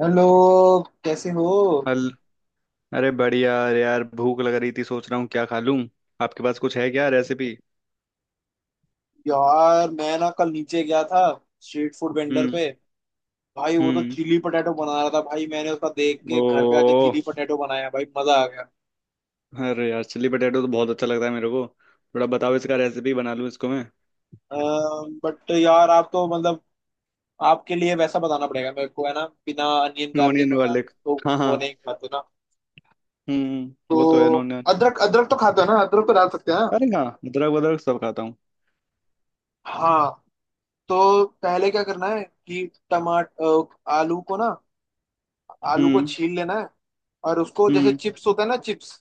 Hello, कैसे हो। हल। अरे बढ़िया, अरे यार भूख लग रही थी, सोच रहा हूँ क्या खा लूँ। आपके पास कुछ है क्या रेसिपी? यार मैं ना कल नीचे गया था, स्ट्रीट फूड वेंडर हम्म। पे। भाई वो तो हम्म। चिली पटेटो बना रहा था। भाई मैंने उसका देख ओ। के घर पे आके चिली पटेटो बनाया। भाई मजा आ गया। अरे यार चिल्ली पटेटो तो बहुत अच्छा लगता है मेरे को। थोड़ा बताओ, इसका रेसिपी बना लूँ इसको मैं। बट यार आप तो मतलब आपके लिए वैसा बताना पड़ेगा मेरे को, है ना, बिना अनियन गार्लिक। नॉन बना वाले। तो हाँ हाँ। वो नहीं खाते ना। हम्म, तो वो तो है नॉन। अदरक, अदरक तो खाते हो ना, अदरक तो डाल सकते हैं ना। अरे हाँ, अदरक वदरक सब खाता हूँ। हाँ, तो पहले क्या करना है कि टमाटर, आलू को ना, आलू को हम्म। छील लेना है। और उसको जैसे हम्म। चिप्स होता है ना, चिप्स,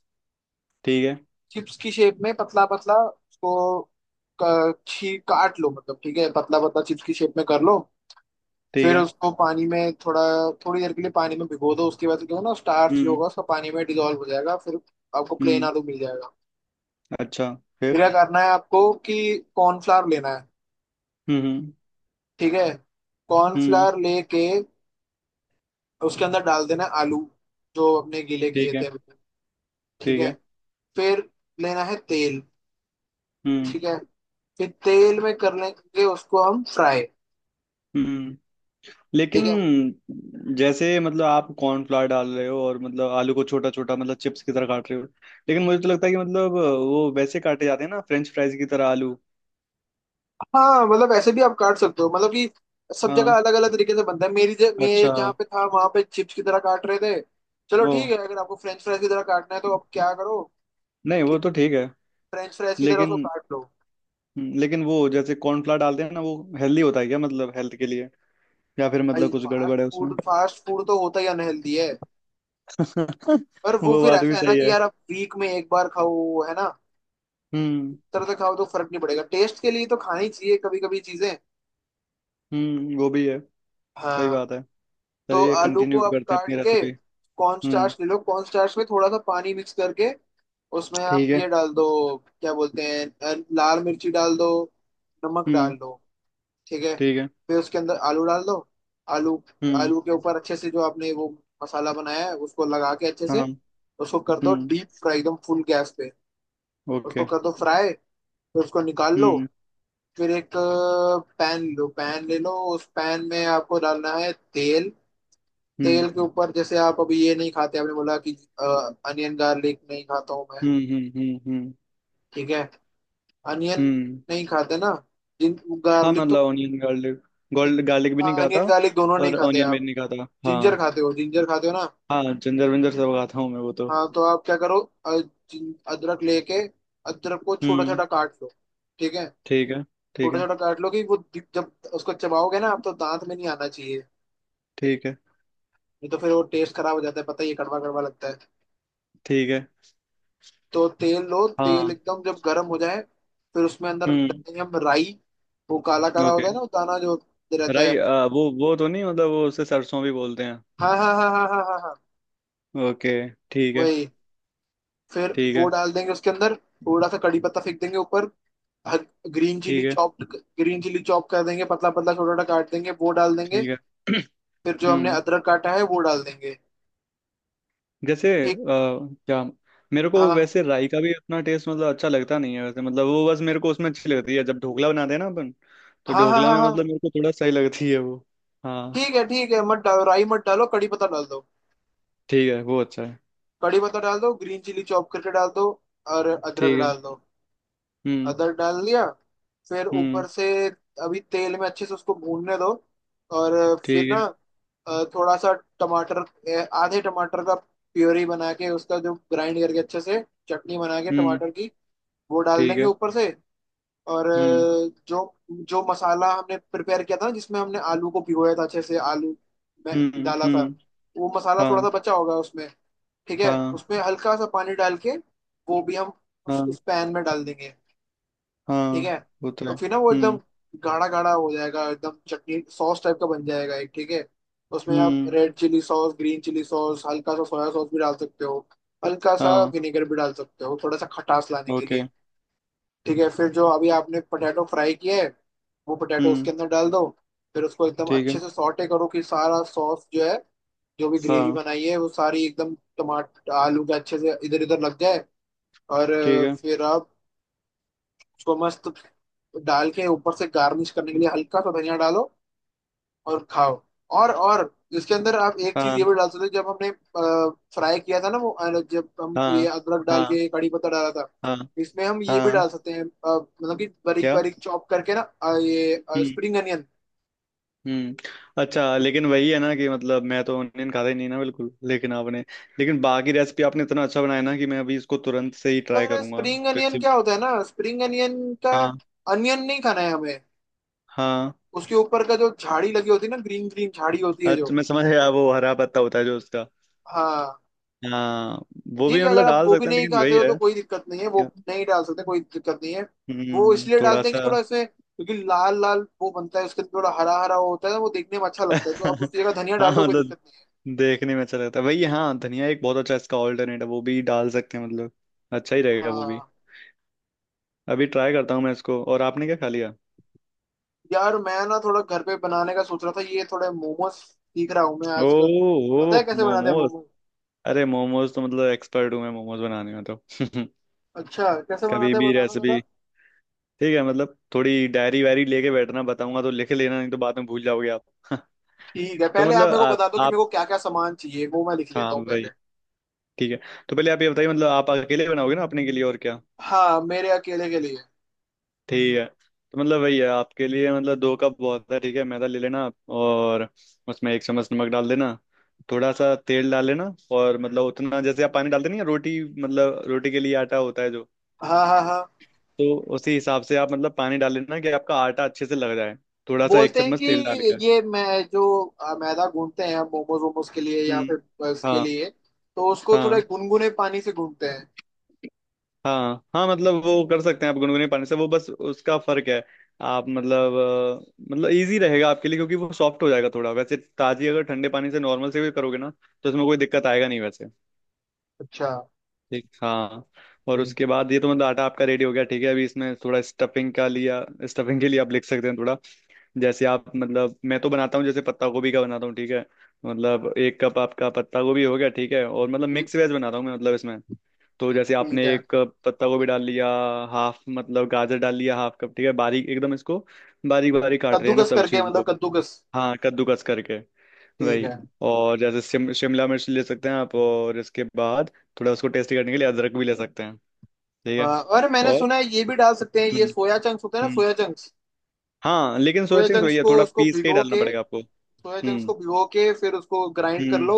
ठीक है। चिप्स की शेप में पतला पतला उसको छी काट लो। मतलब ठीक है, पतला पतला चिप्स की शेप में कर लो। ठीक फिर है। उसको पानी में थोड़ा थोड़ी देर के लिए पानी में भिगो दो। उसके बाद क्या होगा ना, स्टार्च जो हम्म। होगा उसका पानी में डिजोल्व हो जाएगा, फिर आपको प्लेन हम्म। आलू मिल जाएगा। अच्छा। फिर फिर? क्या करना है आपको कि कॉर्नफ्लावर लेना है। हम्म। हम्म। ठीक है, हम्म, कॉर्नफ्लावर लेके उसके अंदर डाल देना है आलू, जो अपने गीले किए ठीक है। थे। ठीक ठीक है, है। फिर लेना है तेल। हम्म। ठीक है, फिर तेल में कर लेंगे उसको हम फ्राई। हम्म। लेकिन ठीक है। जैसे मतलब आप कॉर्नफ्लावर डाल रहे हो और मतलब आलू को छोटा छोटा मतलब चिप्स की तरह काट रहे हो। लेकिन मुझे तो लगता है कि मतलब वो वैसे काटे जाते हैं ना फ्रेंच फ्राइज की तरह आलू। हाँ मतलब ऐसे भी आप काट सकते हो। मतलब कि सब जगह हाँ। अलग अलग तरीके से बनता है। मैं अच्छा। जहाँ पे था वहां पे चिप्स की तरह काट रहे थे। चलो ओ। ठीक है, अगर आपको फ्रेंच फ्राइज की तरह काटना है तो अब क्या करो नहीं कि वो तो ठीक है। फ्रेंच फ्राइज की तरह उसको लेकिन काट लो। लेकिन वो जैसे कॉर्नफ्लावर डालते हैं ना, वो हेल्दी होता है क्या मतलब हेल्थ के लिए? या फिर भाई मतलब कुछ फास्ट गड़बड़ है उसमें? फूड, फास्ट फूड तो होता ही अनहेल्दी है। पर वो वो फिर बात भी ऐसा है ना सही कि है। यार आप वीक में एक बार खाओ, है ना, हम्म। तरह से खाओ तो फर्क नहीं पड़ेगा। टेस्ट के लिए तो खानी चाहिए कभी कभी चीजें। हम्म, वो भी है। सही हाँ, बात है। तो चलिए आलू को कंटिन्यू आप करते हैं काट अपनी के रेसिपी। कॉर्न हम्म। स्टार्च ले लो। कॉर्न स्टार्च में थोड़ा सा पानी मिक्स करके उसमें आप ठीक है। ये डाल दो। क्या बोलते हैं, लाल मिर्ची डाल दो, नमक हम्म। डाल दो। ठीक है, ठीक है। फिर उसके अंदर आलू डाल दो। आलू, हम्म। आलू के ऊपर अच्छे से जो आपने वो मसाला बनाया है उसको लगा के अच्छे से हाँ। उसको कर दो हम्म। डीप फ्राई एकदम फुल गैस पे। उसको ओके। कर दो फ्राई, फिर उसको निकाल लो। हम्म। फिर एक पैन लो, पैन ले लो। उस पैन में आपको डालना है तेल। तेल हम्म। के ऊपर जैसे आप अभी ये नहीं खाते, आपने बोला कि अनियन गार्लिक नहीं खाता हूँ मैं। हम्म। हम्म। हम्म। हम्म। ठीक है, अनियन हम्म। नहीं खाते ना, जिन, हाँ गार्लिक तो। मतलब ऑनियन गार्लिक, गोल्ड गार्लिक भी हाँ, नहीं खाता। अनियन गार्लिक दोनों नहीं और खाते ऑनियन भी आप। नहीं खाता, हाँ। जिंजर खाते हो, जिंजर खाते हो ना। हाँ जिंजर विंजर सब खाता हूँ मैं वो तो। हाँ तो आप क्या करो, अ, अदरक लेके अदरक को छोटा हम्म। छोटा काट लो। ठीक है, ठीक है। ठीक छोटा है। छोटा काट लो कि वो जब उसको चबाओगे ना आप तो दांत में नहीं आना चाहिए। ठीक है। नहीं तो फिर वो टेस्ट खराब हो जाता है, पता ही है, ये कड़वा कड़वा लगता है। ठीक है। तो तेल लो, तेल हाँ। एकदम जब गर्म हो जाए फिर उसमें अंदर हम्म। डालेंगे हम राई। वो काला काला ओके। होता है ना, वो दाना जो रहता राई है। वो तो नहीं, मतलब वो उसे सरसों भी बोलते हैं। हाँ हाँ हाँ हाँ हाँ हाँ हाँ, ओके। ठीक है। वही। फिर ठीक वो है। डाल देंगे उसके अंदर, थोड़ा सा कड़ी पत्ता फेंक देंगे ऊपर, ग्रीन चिली ठीक है। चॉप, ग्रीन चिली चॉप कर देंगे, पतला पतला छोटा छोटा काट देंगे वो डाल देंगे। ठीक है। फिर जो हमने हम्म। अदरक काटा है वो डाल देंगे। जैसे ठीक। क्या, मेरे को हाँ वैसे राई का भी उतना टेस्ट मतलब अच्छा लगता नहीं है वैसे, मतलब वो बस मेरे को उसमें अच्छी लगती है जब ढोकला बनाते हैं ना अपन। तो हाँ हाँ ढोकला हाँ में मतलब हाँ। मेरे को थोड़ा सही लगती है वो। हाँ। ठीक है ठीक है, मत डालो राई, मत डालो। कड़ी पत्ता डाल दो, ठीक है, वो अच्छा है। कड़ी पत्ता डाल दो, ग्रीन चिली चॉप करके डाल दो, और अदरक ठीक है। डाल दो। हम्म। अदर डाल दिया, फिर हम्म। ऊपर से अभी तेल में अच्छे से उसको भूनने दो, और फिर ठीक ना है। थोड़ा सा टमाटर, आधे टमाटर का प्योरी बना के, उसका जो ग्राइंड करके अच्छे से चटनी बना के हम्म। टमाटर की, वो डाल ठीक देंगे है। ऊपर से। और हम्म। जो जो मसाला हमने प्रिपेयर किया था ना, जिसमें हमने आलू को भिगोया था अच्छे से, आलू में हम्म। डाला था, हम्म। वो मसाला थोड़ा हाँ सा बचा होगा उसमें। ठीक है, हाँ उसमें हल्का सा पानी डाल के वो भी हम हाँ उस पैन में डाल देंगे। ठीक हाँ, है, वो तो तो है। फिर ना वो एकदम हम्म। गाढ़ा गाढ़ा हो जाएगा, एकदम चटनी सॉस टाइप का बन जाएगा एक। ठीक है, उसमें आप हम्म। Red chilli sauce, green chilli sauce, हल्का सा सोया सॉस भी डाल सकते हो, हल्का सा हाँ। विनेगर भी डाल सकते हो थोड़ा सा खटास लाने के ओके। लिए। ठीक है, फिर जो अभी आपने पोटैटो फ्राई किया है वो पोटैटो हम्म। उसके अंदर डाल दो। फिर उसको एकदम ठीक अच्छे है। से सॉटे करो कि सारा सॉस जो है, जो भी ग्रेवी हाँ। बनाई है वो सारी एकदम टमाटर आलू के अच्छे से इधर उधर लग जाए। और ठीक है। फिर आप उसको मस्त डाल के ऊपर से गार्निश करने के लिए हल्का सा धनिया डालो और खाओ। और इसके अंदर आप एक चीज हाँ ये भी डाल सकते हो। जब हमने फ्राई किया था ना वो, जब हम ये हाँ अदरक डाल हाँ के कड़ी पत्ता डाला था हाँ इसमें हम ये भी हाँ। डाल सकते हैं, मतलब कि बारीक क्या? बारीक चॉप करके ना ये हम्म, स्प्रिंग अनियन। हम्म। अच्छा लेकिन वही है ना कि मतलब मैं तो ऑनियन खाता ही नहीं ना बिल्कुल, लेकिन आपने, लेकिन बाकी रेसिपी आपने इतना अच्छा बनाया ना कि मैं अभी इसको तुरंत से ही ट्राई पर करूंगा। स्प्रिंग अनियन जैसे, क्या होता है ना, स्प्रिंग अनियन का हाँ। अनियन नहीं खाना है हमें, हाँ, उसके ऊपर का जो झाड़ी लगी होती है ना, ग्रीन ग्रीन झाड़ी होती है जो। अच्छा मैं समझ गया, वो हरा पत्ता होता है जो उसका। हाँ, हाँ। वो ठीक भी है, अगर मतलब आप डाल वो भी सकते हैं, नहीं लेकिन खाते वही हो है। तो कोई दिक्कत नहीं है, वो क्या- नहीं डाल सकते कोई दिक्कत नहीं है। वो हम्म, इसलिए थोड़ा डालते हैं सा। कि थोड़ा इसमें, क्योंकि लाल लाल वो बनता है उसके अंदर थोड़ा हरा हरा वो होता है, वो देखने में अच्छा लगता है। तो आप उसकी जगह धनिया हाँ डाल लो, कोई मतलब दिक्कत नहीं है। देखने में अच्छा लगता है वही, हाँ। धनिया एक बहुत अच्छा इसका ऑल्टरनेट है, वो भी डाल सकते हैं मतलब। अच्छा ही रहेगा वो भी। हाँ, अभी ट्राई करता हूँ मैं इसको। और आपने क्या खा लिया? यार मैं ना थोड़ा घर पे बनाने का सोच रहा था, ये थोड़े मोमोज सीख रहा हूँ मैं ओ। आजकल। ओ। पता है कैसे बनाते मोमो। हैं मोमोज? अरे मोमोज तो मतलब एक्सपर्ट हूँ मैं मोमोज बनाने में तो। अच्छा कैसे कभी बनाते हैं भी बताना जरा। रेसिपी। ठीक है, मतलब थोड़ी डायरी वायरी लेके बैठना, बताऊंगा तो लिख लेना, नहीं तो बाद में भूल जाओगे आप। ठीक है, तो पहले आप मतलब मेरे को आप बता दो कि मेरे आप को क्या क्या सामान चाहिए, वो मैं लिख लेता हाँ हूँ भाई। पहले। ठीक है। तो पहले आप ये बताइए, मतलब आप अकेले बनाओगे ना अपने के लिए, और क्या? हाँ, मेरे अकेले के लिए। ठीक है। तो मतलब वही है, आपके लिए मतलब दो कप बहुत है। ठीक है, मैदा ले लेना आप, और उसमें एक चम्मच नमक डाल देना। थोड़ा सा तेल डाल लेना, और मतलब उतना जैसे आप पानी डालते नहीं हैं, रोटी मतलब रोटी के लिए आटा होता है जो, हाँ हाँ हाँ, तो उसी हिसाब से आप मतलब पानी डाल लेना कि आपका आटा अच्छे से लग जाए। थोड़ा सा एक बोलते हैं चम्मच कि तेल डाल के। ये मैं जो मैदा गूंथते हैं मोमोज वोमोज के लिए या हम्म। फिर बर्गर्स के हाँ लिए, तो उसको थोड़ा हाँ। गुनगुने पानी से गूंथते हैं। हाँ हाँ मतलब वो कर सकते हैं आप गुनगुने पानी से, वो बस उसका फर्क है। आप मतलब मतलब इजी रहेगा आपके लिए क्योंकि वो सॉफ्ट हो जाएगा थोड़ा। वैसे ताजी अगर ठंडे पानी से नॉर्मल से भी करोगे ना, तो उसमें कोई दिक्कत आएगा नहीं वैसे। अच्छा, ठीक, हाँ। और ठीक है। उसके बाद ये तो मतलब आटा आपका रेडी हो गया। ठीक है, अभी इसमें थोड़ा स्टफिंग का लिया। स्टफिंग के लिए आप लिख सकते हैं थोड़ा, जैसे आप मतलब मैं तो बनाता हूँ, जैसे पत्ता गोभी का बनाता हूँ। ठीक है, मतलब एक कप आपका पत्ता गोभी हो गया। ठीक है, और मतलब ठीक, मिक्स वेज बनाता हूँ मैं मतलब इसमें। तो जैसे ठीक आपने है। एक कप पत्ता गोभी डाल लिया, हाफ मतलब गाजर डाल लिया हाफ कप, ठीक है, बारीक एकदम इसको, बारीक बारीक काट रहे हैं ना कद्दूकस सब करके, चीज मतलब को। कद्दूकस। हाँ कद्दूकस करके। ठीक वही। है। और जैसे शिमला मिर्च ले सकते हैं आप, और इसके बाद थोड़ा उसको टेस्टी करने के लिए अदरक भी ले सकते हैं। ठीक है। और मैंने और सुना है ये भी डाल सकते हैं, ये हम्म। सोया चंक्स होते हैं ना, हम्म। सोया चंक्स। हाँ लेकिन सोया सोया चंक्स वही चंक्स है, को थोड़ा उसको पीस के ही भिगो डालना के, पड़ेगा आपको। सोया चंक्स हम्म। को भिगो के फिर उसको ग्राइंड कर हम्म। लो,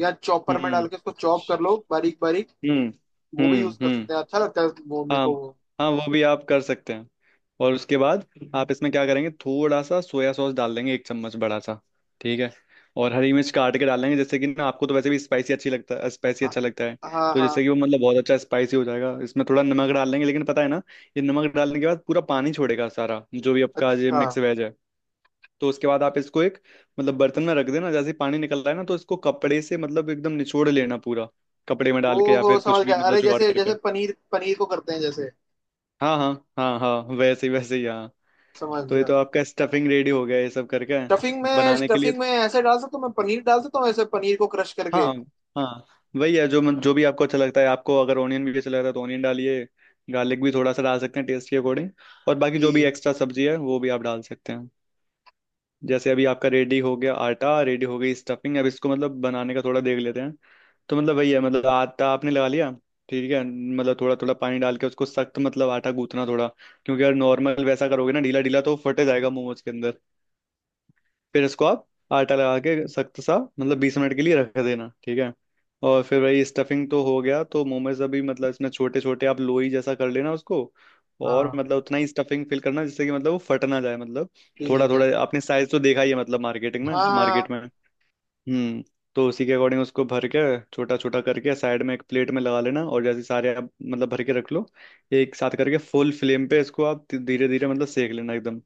या चॉपर में डाल हम्म। के उसको चॉप कर लो बारीक बारीक। हम्म। वो भी हम्म। यूज कर हम्म। सकते हैं, अच्छा लगता है वो मेरे हाँ। को वो। हाँ, वो भी आप कर सकते हैं। और उसके बाद आप इसमें क्या करेंगे, थोड़ा सा सोया सॉस डाल देंगे एक चम्मच बड़ा सा। ठीक है। और हरी मिर्च काट के डाल देंगे। जैसे कि ना आपको तो वैसे भी स्पाइसी अच्छी लगता है, स्पाइसी हाँ अच्छा लगता है, हाँ तो हाँ, जैसे कि वो मतलब बहुत अच्छा स्पाइसी हो जाएगा। इसमें थोड़ा नमक डाल देंगे, लेकिन पता है ना ये नमक डालने के बाद पूरा पानी छोड़ेगा, सारा जो भी आपका ये अच्छा। मिक्स वेज है। तो उसके बाद आप इसको एक मतलब बर्तन में रख देना, जैसे ही पानी निकल रहा है ना तो इसको कपड़े से मतलब एकदम निचोड़ लेना पूरा, कपड़े में डाल के या ओहो, फिर कुछ समझ भी गया। मतलब अरे जुगाड़ जैसे जैसे करके। पनीर, पनीर को करते हैं जैसे। हाँ हाँ हाँ हाँ, वैसे ही वैसे ही, हाँ। समझ तो ये गया। तो आपका स्टफिंग रेडी हो गया ये सब करके स्टफिंग में बनाने के लिए। स्टफिंग में ऐसे डाल सकता हूँ मैं, पनीर डाल सकता हूँ ऐसे पनीर को क्रश हाँ करके। हाँ। हाँ। वही है, जो जो भी आपको अच्छा लगता है, आपको अगर ऑनियन भी अच्छा लगता है तो ऑनियन डालिए। गार्लिक भी थोड़ा सा डाल सकते हैं टेस्ट के अकॉर्डिंग। और बाकी जो भी ठीक। एक्स्ट्रा सब्जी है वो भी आप डाल सकते हैं। जैसे अभी आपका रेडी हो गया आटा, रेडी हो गई स्टफिंग, अब इसको मतलब बनाने का थोड़ा देख लेते हैं। तो मतलब वही है, मतलब आटा आपने लगा लिया, ठीक है, मतलब थोड़ा थोड़ा पानी डाल के उसको सख्त मतलब आटा गूंथना थोड़ा, क्योंकि अगर नॉर्मल वैसा करोगे ना ढीला ढीला तो फटे जाएगा मोमोज के अंदर। फिर इसको आप आटा लगा के सख्त सा मतलब 20 मिनट के लिए रख देना। ठीक है। और फिर वही स्टफिंग तो हो गया, तो मोमोज अभी मतलब इसमें छोटे छोटे आप लोई जैसा कर लेना उसको, और हाँ। मतलब उतना ही स्टफिंग फिल करना जिससे कि मतलब वो फट ना जाए मतलब। थोड़ा ठीक है। थोड़ा आपने साइज तो देखा ही है मतलब मार्केटिंग में, मार्केट हाँ में। हम्म। तो उसी के अकॉर्डिंग उसको भर के छोटा छोटा करके साइड में एक प्लेट में लगा लेना, और जैसे सारे आप मतलब भर के रख लो एक साथ करके, फुल फ्लेम पे इसको आप धीरे धीरे मतलब सेक लेना। एकदम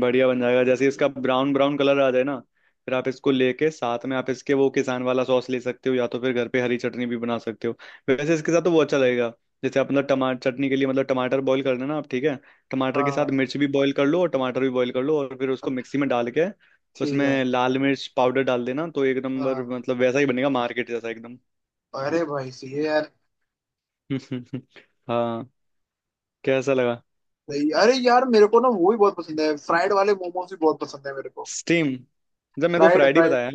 बढ़िया बन जाएगा, जैसे इसका ब्राउन ब्राउन कलर आ जाए ना। फिर आप इसको लेके साथ में आप इसके वो किसान वाला सॉस ले सकते हो, या तो फिर घर पे हरी चटनी भी बना सकते हो, वैसे इसके साथ तो वो अच्छा लगेगा। जैसे आप मतलब टमाटर चटनी के लिए मतलब टमाटर बॉईल करना ना आप, ठीक है, हाँ टमाटर के साथ हाँ। मिर्च भी बॉईल कर लो और टमाटर भी बॉईल कर लो, और फिर उसको अब मिक्सी में डाल के ठीक है। उसमें लाल मिर्च पाउडर डाल देना, तो एक नंबर हाँ, मतलब वैसा ही बनेगा मार्केट जैसा एकदम। अरे भाई सही है यार। हाँ। कैसा लगा? सही। अरे यार मेरे को ना वो भी बहुत पसंद है, फ्राइड वाले मोमोज भी बहुत पसंद है मेरे को। स्टीम, जब मैं तो फ्राइड, फ्राइड ही फ्राइड। बताया,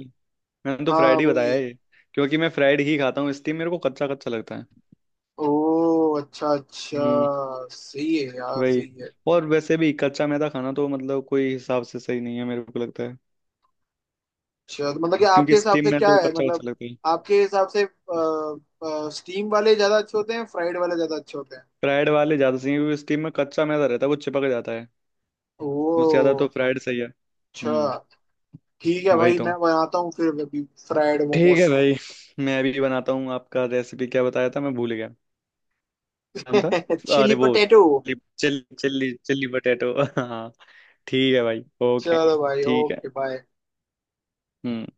मैंने तो हाँ फ्राइड ही बताया वही। ये, क्योंकि मैं फ्राइड ही खाता हूँ इसलिए मेरे को कच्चा कच्चा लगता है। ओ, अच्छा अच्छा। हम्म। सही है यार, वही। सही है। और वैसे भी कच्चा मैदा खाना तो मतलब कोई हिसाब से सही नहीं है मेरे को लगता है, अच्छा तो मतलब कि आपके क्योंकि हिसाब स्टीम से में क्या तो है, कच्चा मतलब कच्चा लगता है। आपके हिसाब से स्टीम वाले ज्यादा अच्छे होते हैं, फ्राइड वाले ज्यादा अच्छे होते हैं? फ्राइड वाले ज्यादा सही है क्योंकि स्टीम में कच्चा मैदा रहता है, वो चिपक जाता है, उससे ज्यादा तो ओ, फ्राइड सही है। हम्म। अच्छा। ठीक है वही भाई, तो। मैं बनाता हूँ फिर अभी फ्राइड ठीक मोमोस। है भाई। मैं भी बनाता हूँ आपका रेसिपी। क्या बताया था मैं भूल गया नाम था। चिली अरे वो potato. Chilli chilli chilli chilli potato. हाँ। ठीक है भाई, ओके। चलो भाई, ठीक है। Okay, bye. हम्म।